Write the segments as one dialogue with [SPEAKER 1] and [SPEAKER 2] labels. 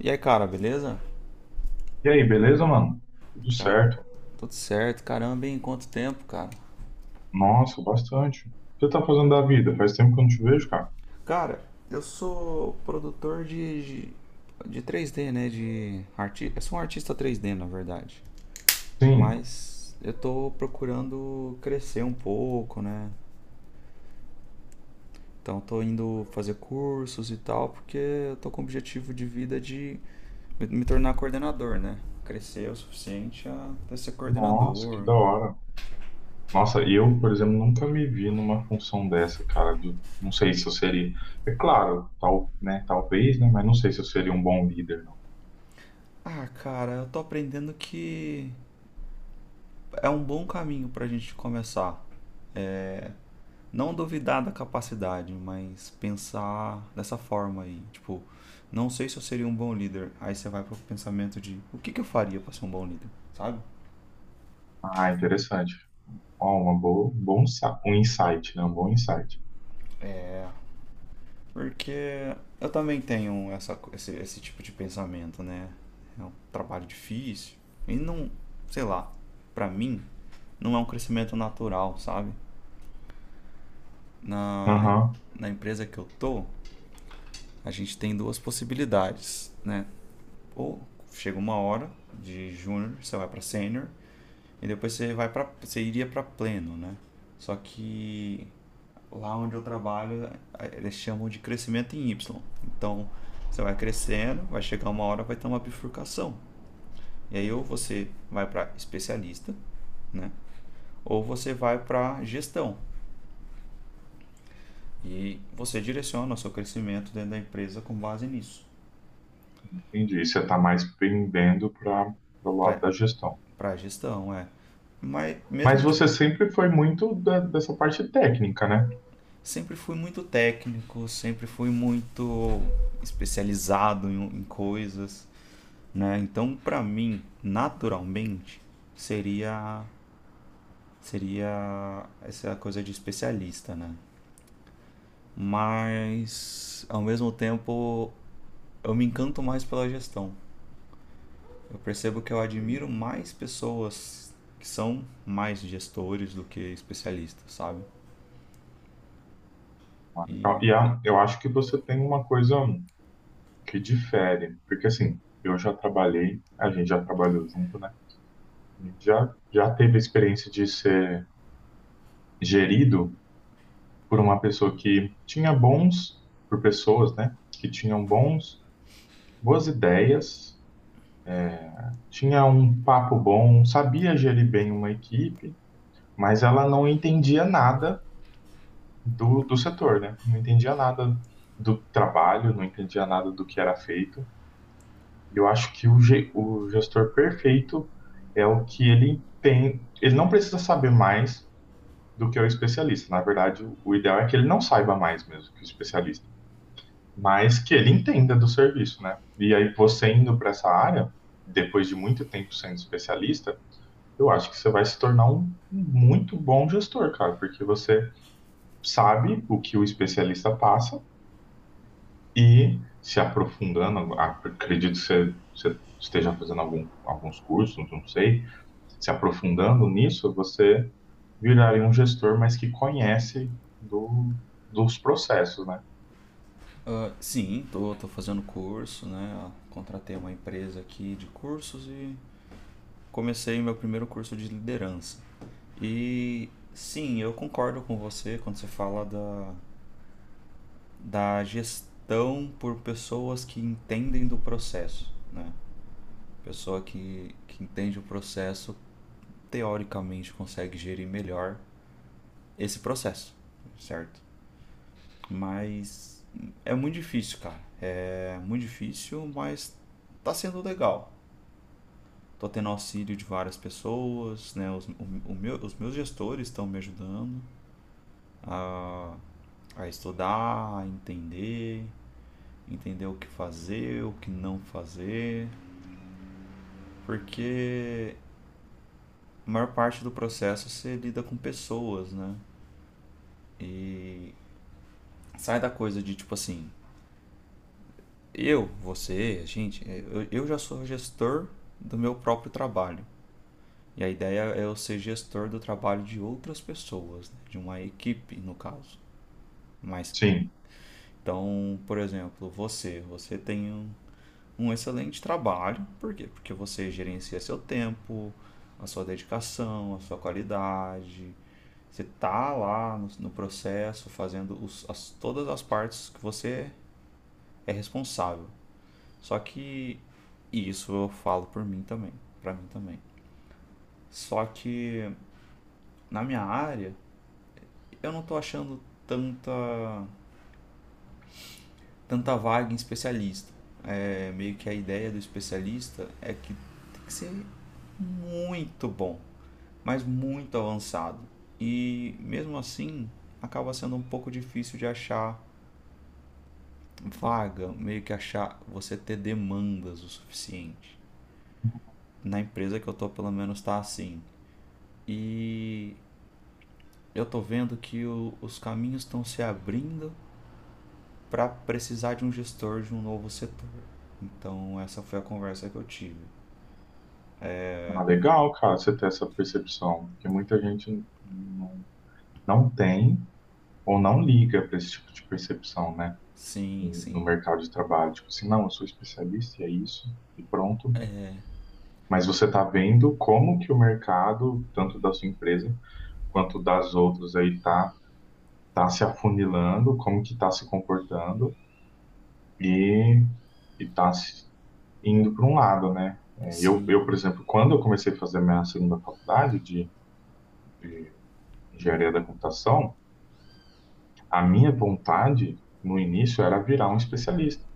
[SPEAKER 1] E aí, cara, beleza?
[SPEAKER 2] E aí, beleza, mano? Tudo
[SPEAKER 1] Cara,
[SPEAKER 2] certo.
[SPEAKER 1] tudo certo, caramba, em quanto tempo, cara?
[SPEAKER 2] Nossa, bastante. O que você tá fazendo da vida? Faz tempo que eu não te vejo, cara.
[SPEAKER 1] Cara, eu sou produtor de 3D, né? Eu sou um artista 3D, na verdade.
[SPEAKER 2] Sim.
[SPEAKER 1] Mas eu tô procurando crescer um pouco, né? Então tô indo fazer cursos e tal, porque eu tô com o objetivo de vida de me tornar coordenador, né? Crescer o suficiente a ser
[SPEAKER 2] Nossa, que
[SPEAKER 1] coordenador.
[SPEAKER 2] da hora. Nossa, e eu, por exemplo, nunca me vi numa função dessa, cara. Não sei se eu seria. É claro, tal, né? Talvez, né? Mas não sei se eu seria um bom líder, não.
[SPEAKER 1] Ah, cara, eu tô aprendendo que é um bom caminho para a gente começar. Não duvidar da capacidade, mas pensar dessa forma aí. Tipo, não sei se eu seria um bom líder. Aí você vai pro pensamento de o que, que eu faria para ser um bom líder, sabe?
[SPEAKER 2] Ah, interessante. Ó, uma boa, bom, insa- um insight, né? Um bom insight.
[SPEAKER 1] Porque eu também tenho esse tipo de pensamento, né? É um trabalho difícil. E não, sei lá, para mim, não é um crescimento natural, sabe? Na,
[SPEAKER 2] Aham,
[SPEAKER 1] na empresa que eu tô, a gente tem duas possibilidades, né? Ou chega uma hora de júnior, você vai para sênior e depois você iria para pleno, né? Só que lá onde eu trabalho, eles chamam de crescimento em Y. Então, você vai crescendo, vai chegar uma hora vai ter uma bifurcação. E aí ou você vai para especialista, né? Ou você vai para gestão. E você direciona o seu crescimento dentro da empresa com base nisso.
[SPEAKER 2] entendi. Você está mais pendendo para o lado da gestão.
[SPEAKER 1] Para gestão, é. Mas
[SPEAKER 2] Mas
[SPEAKER 1] mesmo de
[SPEAKER 2] você sempre foi muito dessa parte técnica, né?
[SPEAKER 1] Sempre fui muito técnico, sempre fui muito especializado em coisas, né? Então, para mim, naturalmente, seria seria essa coisa de especialista, né? Mas ao mesmo tempo, eu me encanto mais pela gestão. Eu percebo que eu admiro
[SPEAKER 2] Entendi.
[SPEAKER 1] mais pessoas que são mais gestores do que especialistas, sabe?
[SPEAKER 2] Ah, legal.
[SPEAKER 1] E
[SPEAKER 2] E eu acho que você tem uma coisa que difere, porque assim, eu já trabalhei, a gente já trabalhou junto, né? A gente já teve a experiência de ser gerido por uma pessoa que tinha bons, por pessoas, né? Que tinham bons, boas ideias, tinha um papo bom, sabia gerir bem uma equipe, mas ela não entendia nada do setor, né? Não entendia nada do trabalho, não entendia nada do que era feito. E eu acho que o gestor perfeito é o que ele tem. Ele não precisa saber mais do que é o especialista. Na verdade, o ideal é que ele não saiba mais mesmo que o especialista, mas que ele entenda do serviço, né? E aí, você indo para essa área, depois de muito tempo sendo especialista, eu acho que você vai se tornar um muito bom gestor, cara, porque você sabe o que o especialista passa e se aprofundando, acredito que você esteja fazendo alguns cursos, não sei, se aprofundando nisso, você viraria um gestor, mas que conhece do, dos processos, né?
[SPEAKER 1] Ah, sim, tô fazendo curso, né? Contratei uma empresa aqui de cursos e comecei meu primeiro curso de liderança. E sim, eu concordo com você quando você fala da gestão por pessoas que entendem do processo, né? Pessoa que entende o processo, teoricamente consegue gerir melhor esse processo, certo? Mas é muito difícil, cara. É muito difícil, mas tá sendo legal. Tô tendo auxílio de várias pessoas, né? Os meus gestores estão me ajudando a, a estudar, a entender, o que fazer, o que não fazer, porque a maior parte do processo você lida com pessoas, né? E sai da coisa de tipo assim, eu, você, a gente, é, eu já sou gestor do meu próprio trabalho. E a ideia é eu ser gestor do trabalho de outras pessoas, né? De uma equipe, no caso. Mas
[SPEAKER 2] Sim.
[SPEAKER 1] Então, por exemplo, você tem um excelente trabalho, por quê? Porque você gerencia seu tempo, a sua dedicação, a sua qualidade. Você está lá no processo fazendo todas as partes que você é responsável. Só que E isso eu falo por mim também, para mim também. Só que na minha área eu não estou achando tanta tanta vaga em especialista. É meio que a ideia do especialista é que tem que ser muito bom, mas muito avançado. E mesmo assim, acaba sendo um pouco difícil de achar vaga, meio que achar você ter demandas o suficiente. Na empresa que eu tô, pelo menos tá assim. E eu tô vendo que os caminhos estão se abrindo para precisar de um gestor de um novo setor. Então, essa foi a conversa que eu tive.
[SPEAKER 2] Ah, legal, cara, você ter essa percepção, porque muita gente não tem ou não liga para esse tipo de percepção, né?
[SPEAKER 1] Sim,
[SPEAKER 2] No
[SPEAKER 1] sim,
[SPEAKER 2] mercado de trabalho. Tipo assim, não, eu sou especialista e é isso, e pronto. Mas você está vendo como que o mercado, tanto da sua empresa, quanto das outras aí tá se afunilando, como que tá se comportando e, e indo para um lado, né? É, eu,
[SPEAKER 1] sim.
[SPEAKER 2] por exemplo, quando eu comecei a fazer minha segunda faculdade de engenharia da computação, a minha vontade no início era virar um especialista.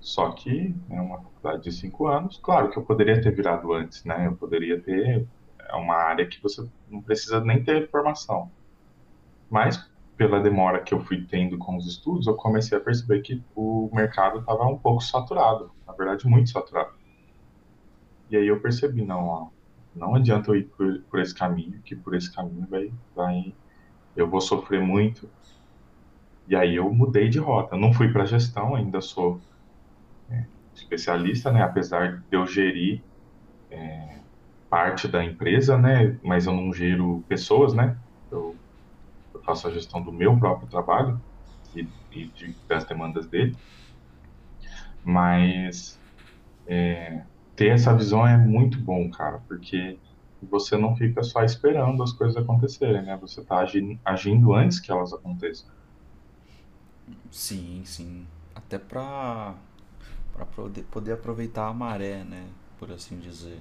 [SPEAKER 2] Só que, né, uma faculdade de 5 anos, claro que eu poderia ter virado antes, né? Eu poderia ter, é uma área que você não precisa nem ter formação. Mas, pela demora que eu fui tendo com os estudos, eu comecei a perceber que o mercado estava um pouco saturado, na verdade, muito saturado. E aí eu percebi, não, ó, não adianta eu ir por esse caminho, que por esse caminho eu vou sofrer muito. E aí eu mudei de rota. Eu não fui para gestão, ainda sou especialista, né? Apesar de eu gerir parte da empresa, né? Mas eu não gero pessoas, né? Eu, eu faço a gestão do meu próprio trabalho e, das demandas dele. Mas ter essa visão é muito bom, cara, porque você não fica só esperando as coisas acontecerem, né? Você está agindo, agindo antes que elas aconteçam.
[SPEAKER 1] Sim, sim. Até pra poder aproveitar a maré, né? Por assim dizer.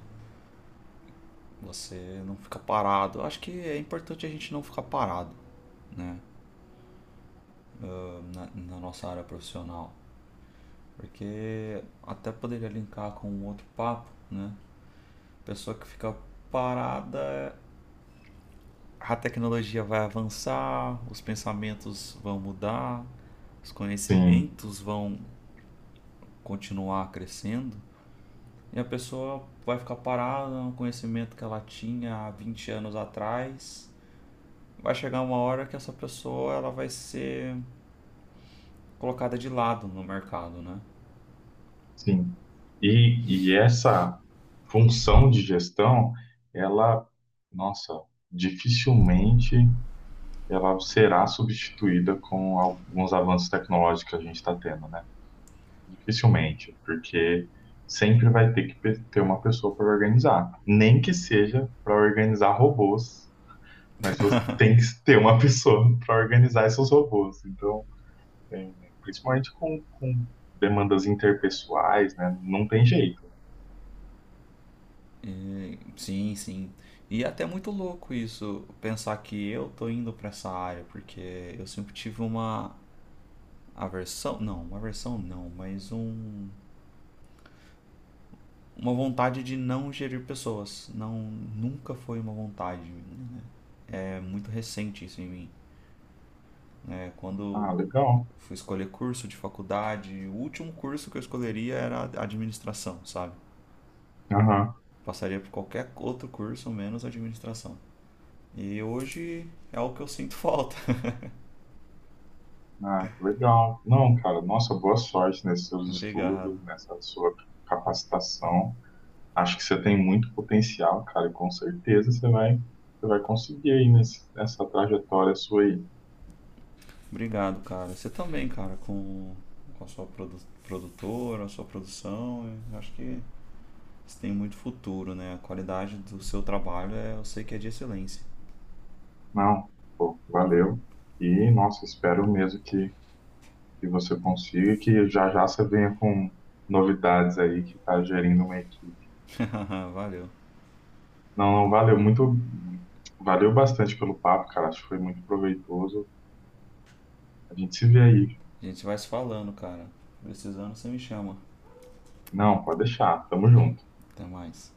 [SPEAKER 1] Você não fica parado. Eu acho que é importante a gente não ficar parado, né? Na nossa área profissional. Porque até poderia linkar com um outro papo, né? Pessoa que fica parada, a tecnologia vai avançar, os pensamentos vão mudar, os
[SPEAKER 2] Sim,
[SPEAKER 1] conhecimentos vão continuar crescendo, e a pessoa vai ficar parada no conhecimento que ela tinha há 20 anos atrás. Vai chegar uma hora que essa pessoa ela vai ser colocada de lado no mercado, né?
[SPEAKER 2] sim. E essa função de gestão, ela, nossa, dificilmente ela será substituída com alguns avanços tecnológicos que a gente está tendo, né? Dificilmente, porque sempre vai ter que ter uma pessoa para organizar, nem que seja para organizar robôs, mas você tem que ter uma pessoa para organizar esses robôs. Então, é, principalmente com demandas interpessoais, né? Não tem jeito.
[SPEAKER 1] Sim, sim. E é até muito louco isso, pensar que eu tô indo pra essa área, porque eu sempre tive uma aversão não, mas uma vontade de não gerir pessoas. Não, nunca foi uma vontade, né? É muito recente isso em mim. É, quando
[SPEAKER 2] Ah, legal.
[SPEAKER 1] fui escolher curso de faculdade. O último curso que eu escolheria era administração, sabe?
[SPEAKER 2] Aham.
[SPEAKER 1] Passaria por qualquer outro curso menos administração. E hoje é o que eu sinto falta.
[SPEAKER 2] Ah, legal. Não, cara, nossa, boa sorte nesses seus
[SPEAKER 1] Obrigado.
[SPEAKER 2] estudos, nessa sua capacitação. Acho que você tem muito potencial, cara, e com certeza você vai conseguir aí nessa trajetória sua aí.
[SPEAKER 1] Obrigado, cara. Você também, cara, com a sua produtora, a sua produção. Eu acho que você tem muito futuro, né? A qualidade do seu trabalho é, eu sei que é de excelência.
[SPEAKER 2] Não, pô, valeu. E, nossa, espero mesmo que você consiga e que já já você venha com novidades aí que tá gerindo uma equipe.
[SPEAKER 1] Valeu.
[SPEAKER 2] Não, não, valeu muito, valeu bastante pelo papo, cara. Acho que foi muito proveitoso. A gente se vê aí.
[SPEAKER 1] A gente vai se falando, cara. Precisando, você me chama.
[SPEAKER 2] Não, pode deixar. Tamo junto.
[SPEAKER 1] Até mais.